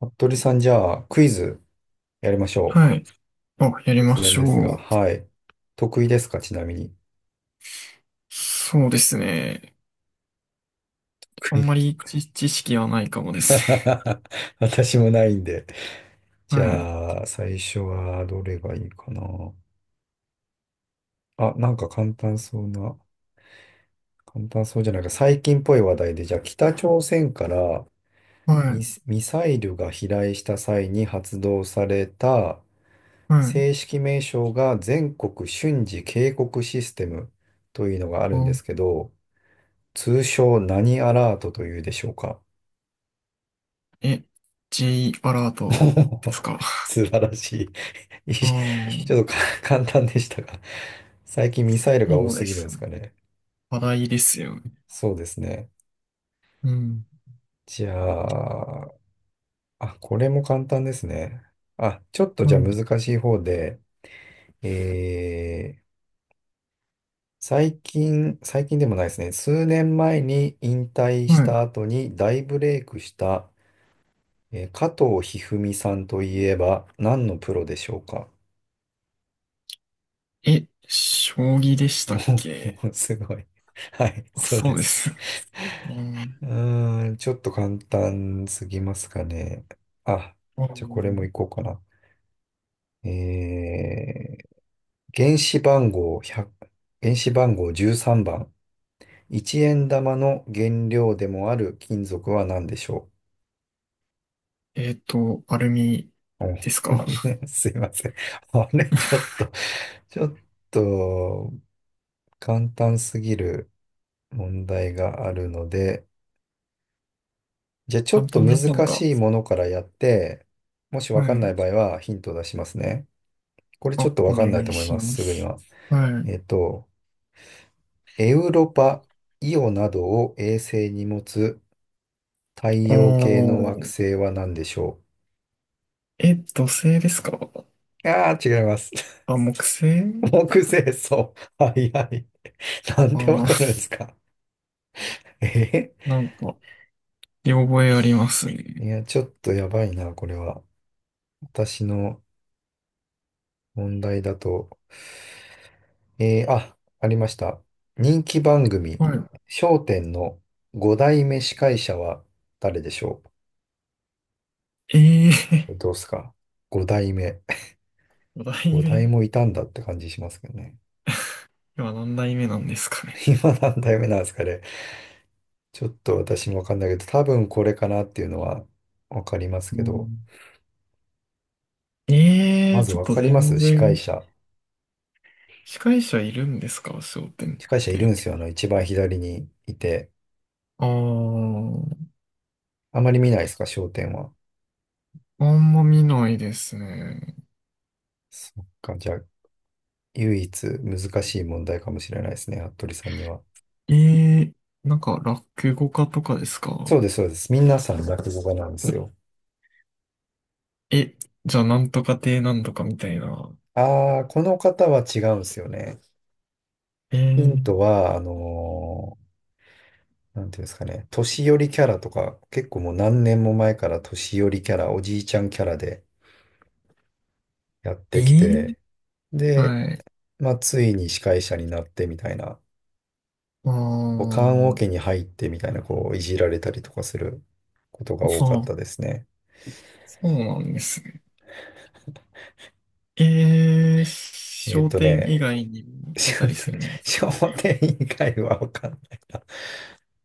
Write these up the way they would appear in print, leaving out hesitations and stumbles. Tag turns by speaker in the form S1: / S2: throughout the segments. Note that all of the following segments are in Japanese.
S1: 服部さん、じゃあ、クイズやりましょ
S2: はい。あ、や
S1: う。
S2: りま
S1: 突然
S2: しょ
S1: ですが、
S2: う。
S1: はい。得意ですか、ちなみに。
S2: そうですね。あ
S1: 得
S2: んま
S1: 意
S2: り知識はないかもです
S1: 私もないんで。
S2: ね。
S1: じ
S2: はい。
S1: ゃあ、最初はどれがいいかな。あ、なんか簡単そうな、簡単そうじゃないか。最近っぽい話題で、じゃあ、北朝鮮から
S2: はい。
S1: ミサイルが飛来した際に発動された
S2: はい。
S1: 正式名称が全国瞬時警告システムというのがあるんで
S2: あ、
S1: すけど、通称何アラートというでしょうか？
S2: え、J アラー トですか。
S1: 素晴らしい。
S2: ああ、
S1: ちょっとか簡単でしたが、最近ミサイルが多
S2: そう
S1: す
S2: で
S1: ぎるんで
S2: す
S1: すか
S2: ね。
S1: ね。
S2: 話題ですよね。
S1: そうですね。
S2: うん。
S1: じゃあ、あ、これも簡単ですね。あ、ちょっと
S2: う
S1: じゃあ
S2: ん。
S1: 難しい方で、えー、最近、最近でもないですね。数年前に引退した
S2: は
S1: 後に大ブレイクした、加藤一二三さんといえば何のプロでしょうか？
S2: い。将棋で した
S1: も
S2: っ
S1: う、
S2: け？
S1: もうすごい。はい、
S2: あ、
S1: そう
S2: そ
S1: で
S2: うで
S1: す。
S2: す。うん。
S1: うーん、ちょっと簡単すぎますかね。あ、
S2: う
S1: じゃあこれも
S2: ん。
S1: いこうかな。えー、原子番号1原子番号13番。1円玉の原料でもある金属は何でしょ
S2: アルミです
S1: う？
S2: か。
S1: お すいません。あれ、ちょっ と、ちょっと簡単すぎる問題があるので、じゃあちょ
S2: 簡
S1: っと
S2: 単
S1: 難
S2: な方が。
S1: しいものからやって、もしわ
S2: は
S1: かんない
S2: い。
S1: 場合はヒントを出しますね。これ
S2: あ、
S1: ちょっとわ
S2: お
S1: かんない
S2: 願
S1: と
S2: い
S1: 思い
S2: し
S1: ます、
S2: ま
S1: すぐに
S2: す。
S1: は。
S2: は
S1: えっ
S2: い。
S1: と、エウロパ、イオなどを衛星に持つ太
S2: あ
S1: 陽系の惑
S2: ー、
S1: 星は何でしょ
S2: 土星ですか？
S1: う？ああー、違います。
S2: あ、木 星。
S1: 木星そう。はいはい。なん
S2: ああ
S1: でわか
S2: ー、
S1: るんですか？え
S2: なんか、見覚えありますね。
S1: いや、ちょっとやばいな、これは。私の問題だと。ありました。人気番組、
S2: はい。
S1: 笑点の5代目司会者は誰でしょ
S2: え
S1: う？
S2: え
S1: どうっすか？ 5 代目。
S2: ー、代
S1: 5代
S2: 目。
S1: もいたんだって感じしますけどね。
S2: 今何代目なんですかね。
S1: 今何代目なんですかね。ちょっと私もわかんないけど、多分これかなっていうのはわかります
S2: う
S1: けど、
S2: ん。ええ
S1: ま
S2: ー、
S1: ず
S2: ちょっ
S1: わ
S2: と
S1: かりま
S2: 全
S1: す司会
S2: 然、
S1: 者。
S2: 司会者いるんですか笑点っ
S1: 司会者いるんです
S2: て？
S1: よ。一番左にいて。
S2: ああ、
S1: あまり見ないですか笑点は？
S2: あんま見ないですね。
S1: そっか。じゃあ、唯一難しい問題かもしれないですね。服部さんには。
S2: ええー、なんか、落語家とかですか？
S1: そうです、そうです。皆さん落語家なんですよ。
S2: え、じゃあ、なんとか亭なんとかみたいな。
S1: ああ、この方は違うんですよね。
S2: え
S1: ヒ
S2: ー、
S1: ントは、なんていうんですかね、年寄りキャラとか、結構もう何年も前から年寄りキャラ、おじいちゃんキャラでやっ
S2: え
S1: てき
S2: ー、
S1: て、で、
S2: はい。
S1: まあ、ついに司会者になってみたいな、
S2: あ
S1: こう棺桶
S2: あ、
S1: に入ってみたいな、こう、いじられたりとかすることが多か
S2: そ
S1: っ
S2: う
S1: たですね。
S2: そうなんですね。商店
S1: ね、
S2: 以外にも 出
S1: 商
S2: たりす
S1: 店、
S2: るんですか？
S1: 商店以外はわかんないな。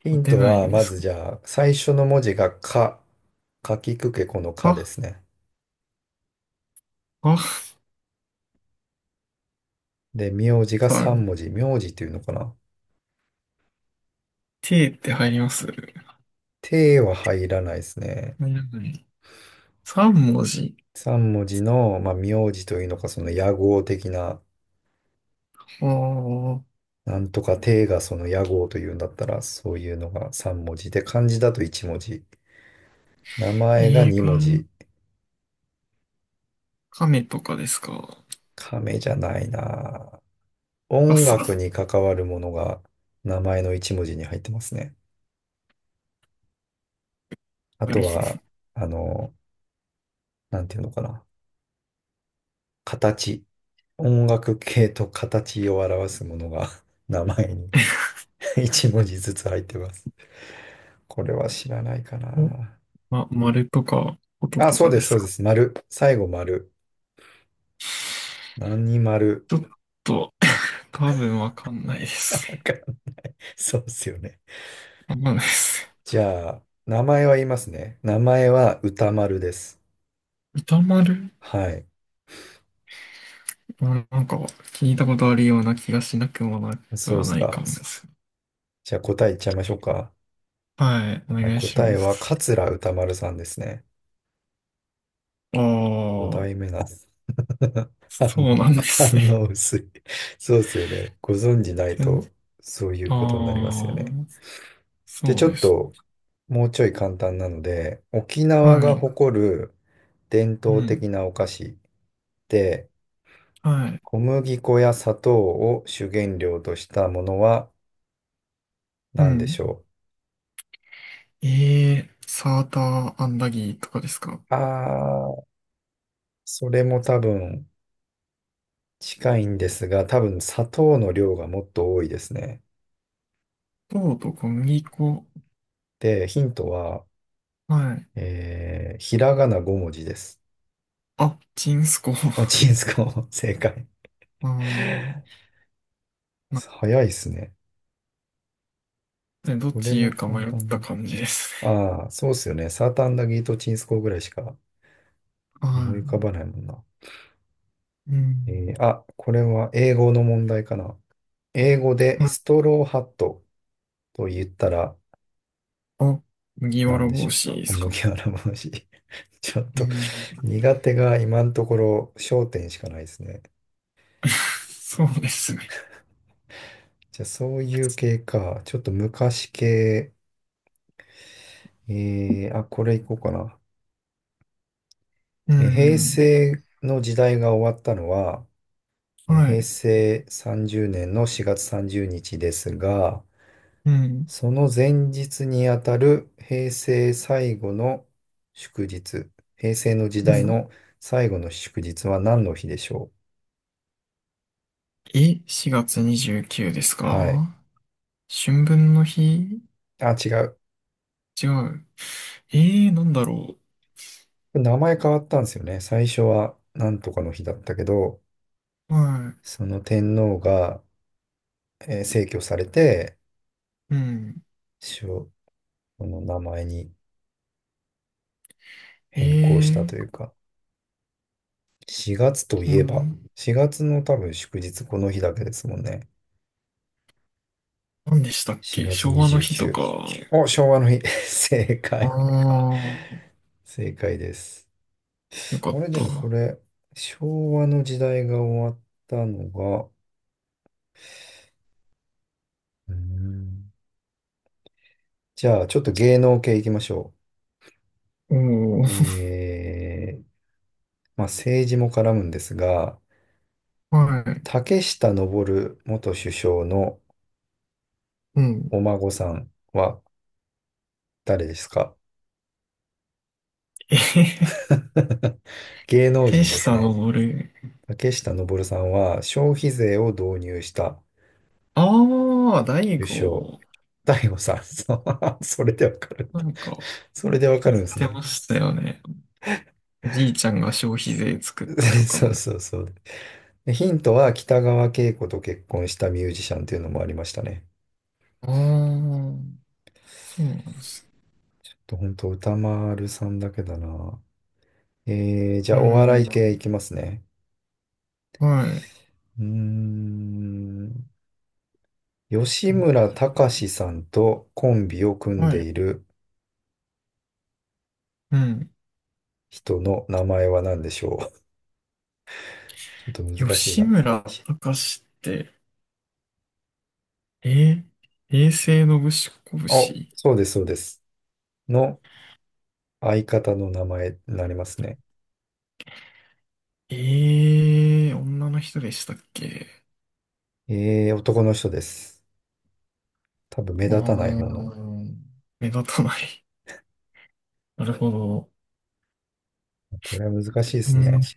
S1: ヒン
S2: 出
S1: ト
S2: ない
S1: は、
S2: んで
S1: ま
S2: す
S1: ずじゃあ、最初の文字がか、かきくけこの
S2: か？
S1: かで
S2: あ、
S1: すね。
S2: あ、
S1: で、名字が
S2: さ
S1: 三
S2: ん、
S1: 文字。名字っていうのかな？
S2: T って入ります？入
S1: ては入らないですね。
S2: らない。3文字。
S1: 三文字の、まあ、名字というのか、その野号的な、
S2: ああ、
S1: なんとかてがその野号というんだったら、そういうのが三文字で、漢字だと一文字。名前が
S2: 映
S1: 二文字。
S2: 画、亀とかですか？
S1: 亀じゃないな。音楽
S2: 傘。
S1: に関わるものが名前の一文字に入ってますね。あ
S2: な
S1: と
S2: る
S1: は、あの、なんていうのかな。形。音楽系と形を表すものが 名前に 一文字ずつ入ってます。これは知らないか
S2: ほど。
S1: な。
S2: ま、丸とか、音
S1: あ、
S2: と
S1: そう
S2: かで
S1: です、
S2: す
S1: そうで
S2: か？
S1: す。丸。最後丸。
S2: ち
S1: 何丸。
S2: ょっと、多分わかんないで
S1: わ
S2: す
S1: かんない。そうですよね。
S2: ね。わかんないです。
S1: じゃあ、名前は言いますね。名前は歌丸です。
S2: 歌丸。
S1: はい。
S2: まあなんか、聞いたことあるような気がしなくもなく
S1: そうで
S2: は
S1: す
S2: ないかも
S1: か。
S2: です。
S1: じゃあ答え言っちゃいましょうか。
S2: はい、お
S1: はい、
S2: 願いし
S1: 答
S2: ま
S1: えは
S2: す。
S1: 桂歌丸さんですね。
S2: あ
S1: 5
S2: あ、
S1: 代目なんです。反
S2: そうな
S1: 応、
S2: んで す
S1: 反
S2: ね。
S1: 応薄い。そうですよね。ご存じない
S2: 全
S1: と、そういう
S2: あ
S1: ことになりますよね。
S2: あ、
S1: で、
S2: そ
S1: ち
S2: う
S1: ょ
S2: で
S1: っ
S2: す。
S1: と、もうちょい簡単なので、沖縄
S2: は
S1: が
S2: い。
S1: 誇る伝
S2: う
S1: 統
S2: ん。
S1: 的なお菓子で、
S2: はい。
S1: 小麦粉や砂糖を主原料としたものは
S2: う
S1: 何でし
S2: ん。
S1: ょ
S2: ええー、サーターアンダギーとかですか？
S1: う？それも多分近いんですが、多分砂糖の量がもっと多いですね。
S2: 糖と小麦粉。
S1: で、ヒントは、
S2: はい。
S1: ひらがな5文字です。
S2: あ、チンスコ。
S1: あ、
S2: あ
S1: チンスコ、正解。
S2: あ。な
S1: 早いっすね。
S2: でどっ
S1: これ
S2: ち言う
S1: も
S2: か
S1: 簡
S2: 迷った
S1: 単
S2: 感じです
S1: な。ああ、そうっすよね。サーターアンダギーとチンスコーぐらいしか
S2: ね。
S1: 思
S2: は
S1: い浮かばないもんな。
S2: い。うん。
S1: これは英語の問題かな。英語でストローハットと言ったら
S2: あ、麦わ
S1: 何
S2: ら
S1: でし
S2: 帽
S1: ょ
S2: 子で
S1: う。
S2: すか？
S1: 麦わら帽子。ちょっ
S2: う
S1: と
S2: ん
S1: 苦手が今のところ焦点しかないですね。
S2: そうですね。
S1: じゃあそういう系か。ちょっと昔系。あ、これいこうかな。
S2: う
S1: 平
S2: ん。
S1: 成の時代が終わったのは、
S2: は
S1: 平
S2: い。
S1: 成30年の4月30日ですが、
S2: うん。
S1: その前日にあたる平成最後の祝日、平成の時
S2: う
S1: 代
S2: ん。
S1: の最後の祝日は何の日でしょう？
S2: 4月29です
S1: はい。
S2: か？春分の日。
S1: あ、違う。
S2: 違う。なんだろ
S1: 名前変わったんですよね。最初は何とかの日だったけど、
S2: う。は
S1: その天皇が、逝去されて、
S2: い。うん。
S1: しょこの名前に。変更したとい
S2: え
S1: うか、4月とい
S2: う
S1: えば、
S2: ん。
S1: 4月の多分祝日この日だけですもんね。
S2: 何でしたっけ、
S1: 4月
S2: 昭和の日と
S1: 29。
S2: か。
S1: お、昭和の日。正
S2: あ
S1: 解。
S2: あ、
S1: 正解です。
S2: よかっ
S1: 俺で
S2: た。
S1: もこれ、昭和の時代が終わったのが、うーんじゃあちょっと芸能系いきましょ
S2: お
S1: う。
S2: ー、
S1: まあ政治も絡むんですが、
S2: はい。
S1: 竹下登元首相の
S2: うん。
S1: お孫さんは誰ですか？
S2: えへへ、
S1: 芸能
S2: ペ
S1: 人
S2: シ
S1: です
S2: さんの
S1: ね。
S2: ボール。
S1: 竹下登さんは消費税を導入した
S2: ああ、大
S1: 首相。
S2: 悟。
S1: 大悟さん、そう それでわかるん
S2: な
S1: だ。
S2: んか、
S1: それでわか
S2: 言
S1: る
S2: っ
S1: んです
S2: て
S1: ね。
S2: ましたよね。おじいちゃんが消費税作ったと か
S1: そ
S2: な
S1: う
S2: の。
S1: そうそう。でヒントは北川景子と結婚したミュージシャンっていうのもありましたね。
S2: ああ、そうなんです。
S1: ちょっと本当歌丸さんだけだな。じゃ
S2: う
S1: あお笑
S2: ん。
S1: い系いきますね。
S2: はい。
S1: うーん。吉村崇さんとコンビを組ん
S2: は
S1: で
S2: い。
S1: いる
S2: うん。
S1: 人の名前は何でしょう？ちょっと難しい
S2: 吉
S1: な。
S2: 村隆って、えー、平成のぶしこぶ
S1: あ、
S2: し。
S1: そうです、そうです。の相方の名前になりますね。
S2: ええー、女の人でしたっけ？
S1: 男の人です。多分目
S2: あ
S1: 立たない方
S2: あ、
S1: の。
S2: 目立たない。なるほど。
S1: これは難しいで
S2: う
S1: す
S2: ん。
S1: ね。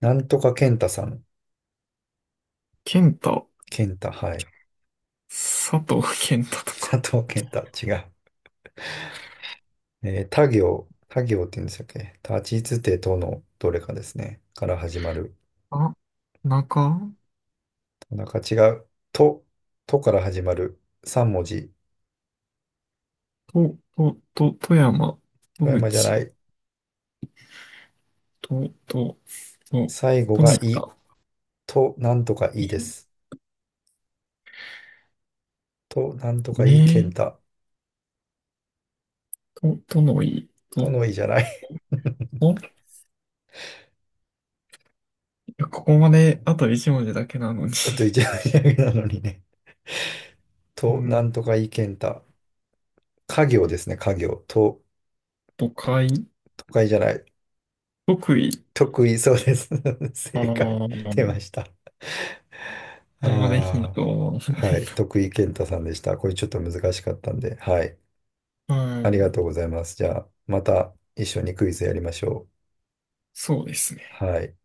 S1: なんとか健太さん。
S2: 健太、
S1: 健太、はい。
S2: 佐藤健太とか。
S1: 佐藤健太、違う。他行、他行って言うんでしたっけ？立ちつてとのどれかですね。から始まる。
S2: あ、中、
S1: なんか違う。と、とから始まる。3文字。
S2: と、と、と、富山、戸
S1: 富山じゃな
S2: 口、
S1: い。
S2: と、と、と、
S1: 最後
S2: と
S1: が
S2: み
S1: い。
S2: た。
S1: と、なんとかいいです。と、なんとか
S2: ね
S1: いい健
S2: え、
S1: 太。
S2: と、とのい、
S1: と
S2: と、
S1: のいじゃない。
S2: と、いや、ここまであと一文字だけなのに。
S1: だとい じゃないだけなのにね。
S2: う
S1: と、な
S2: ん、
S1: んとかいけんた。家業ですね、家業。と、
S2: 都会、
S1: 都会じゃない。
S2: 得意。
S1: 得意そうです。
S2: ああ、
S1: 正解。出ま
S2: こ
S1: した。
S2: れまでヒン
S1: あ
S2: トはない
S1: あ、はい。
S2: と。
S1: 徳井健太さんでした。これちょっと難しかったんで。はい。ありがと
S2: う
S1: うございます。じゃあ、また一緒にクイズやりましょう。
S2: そうですね。
S1: はい。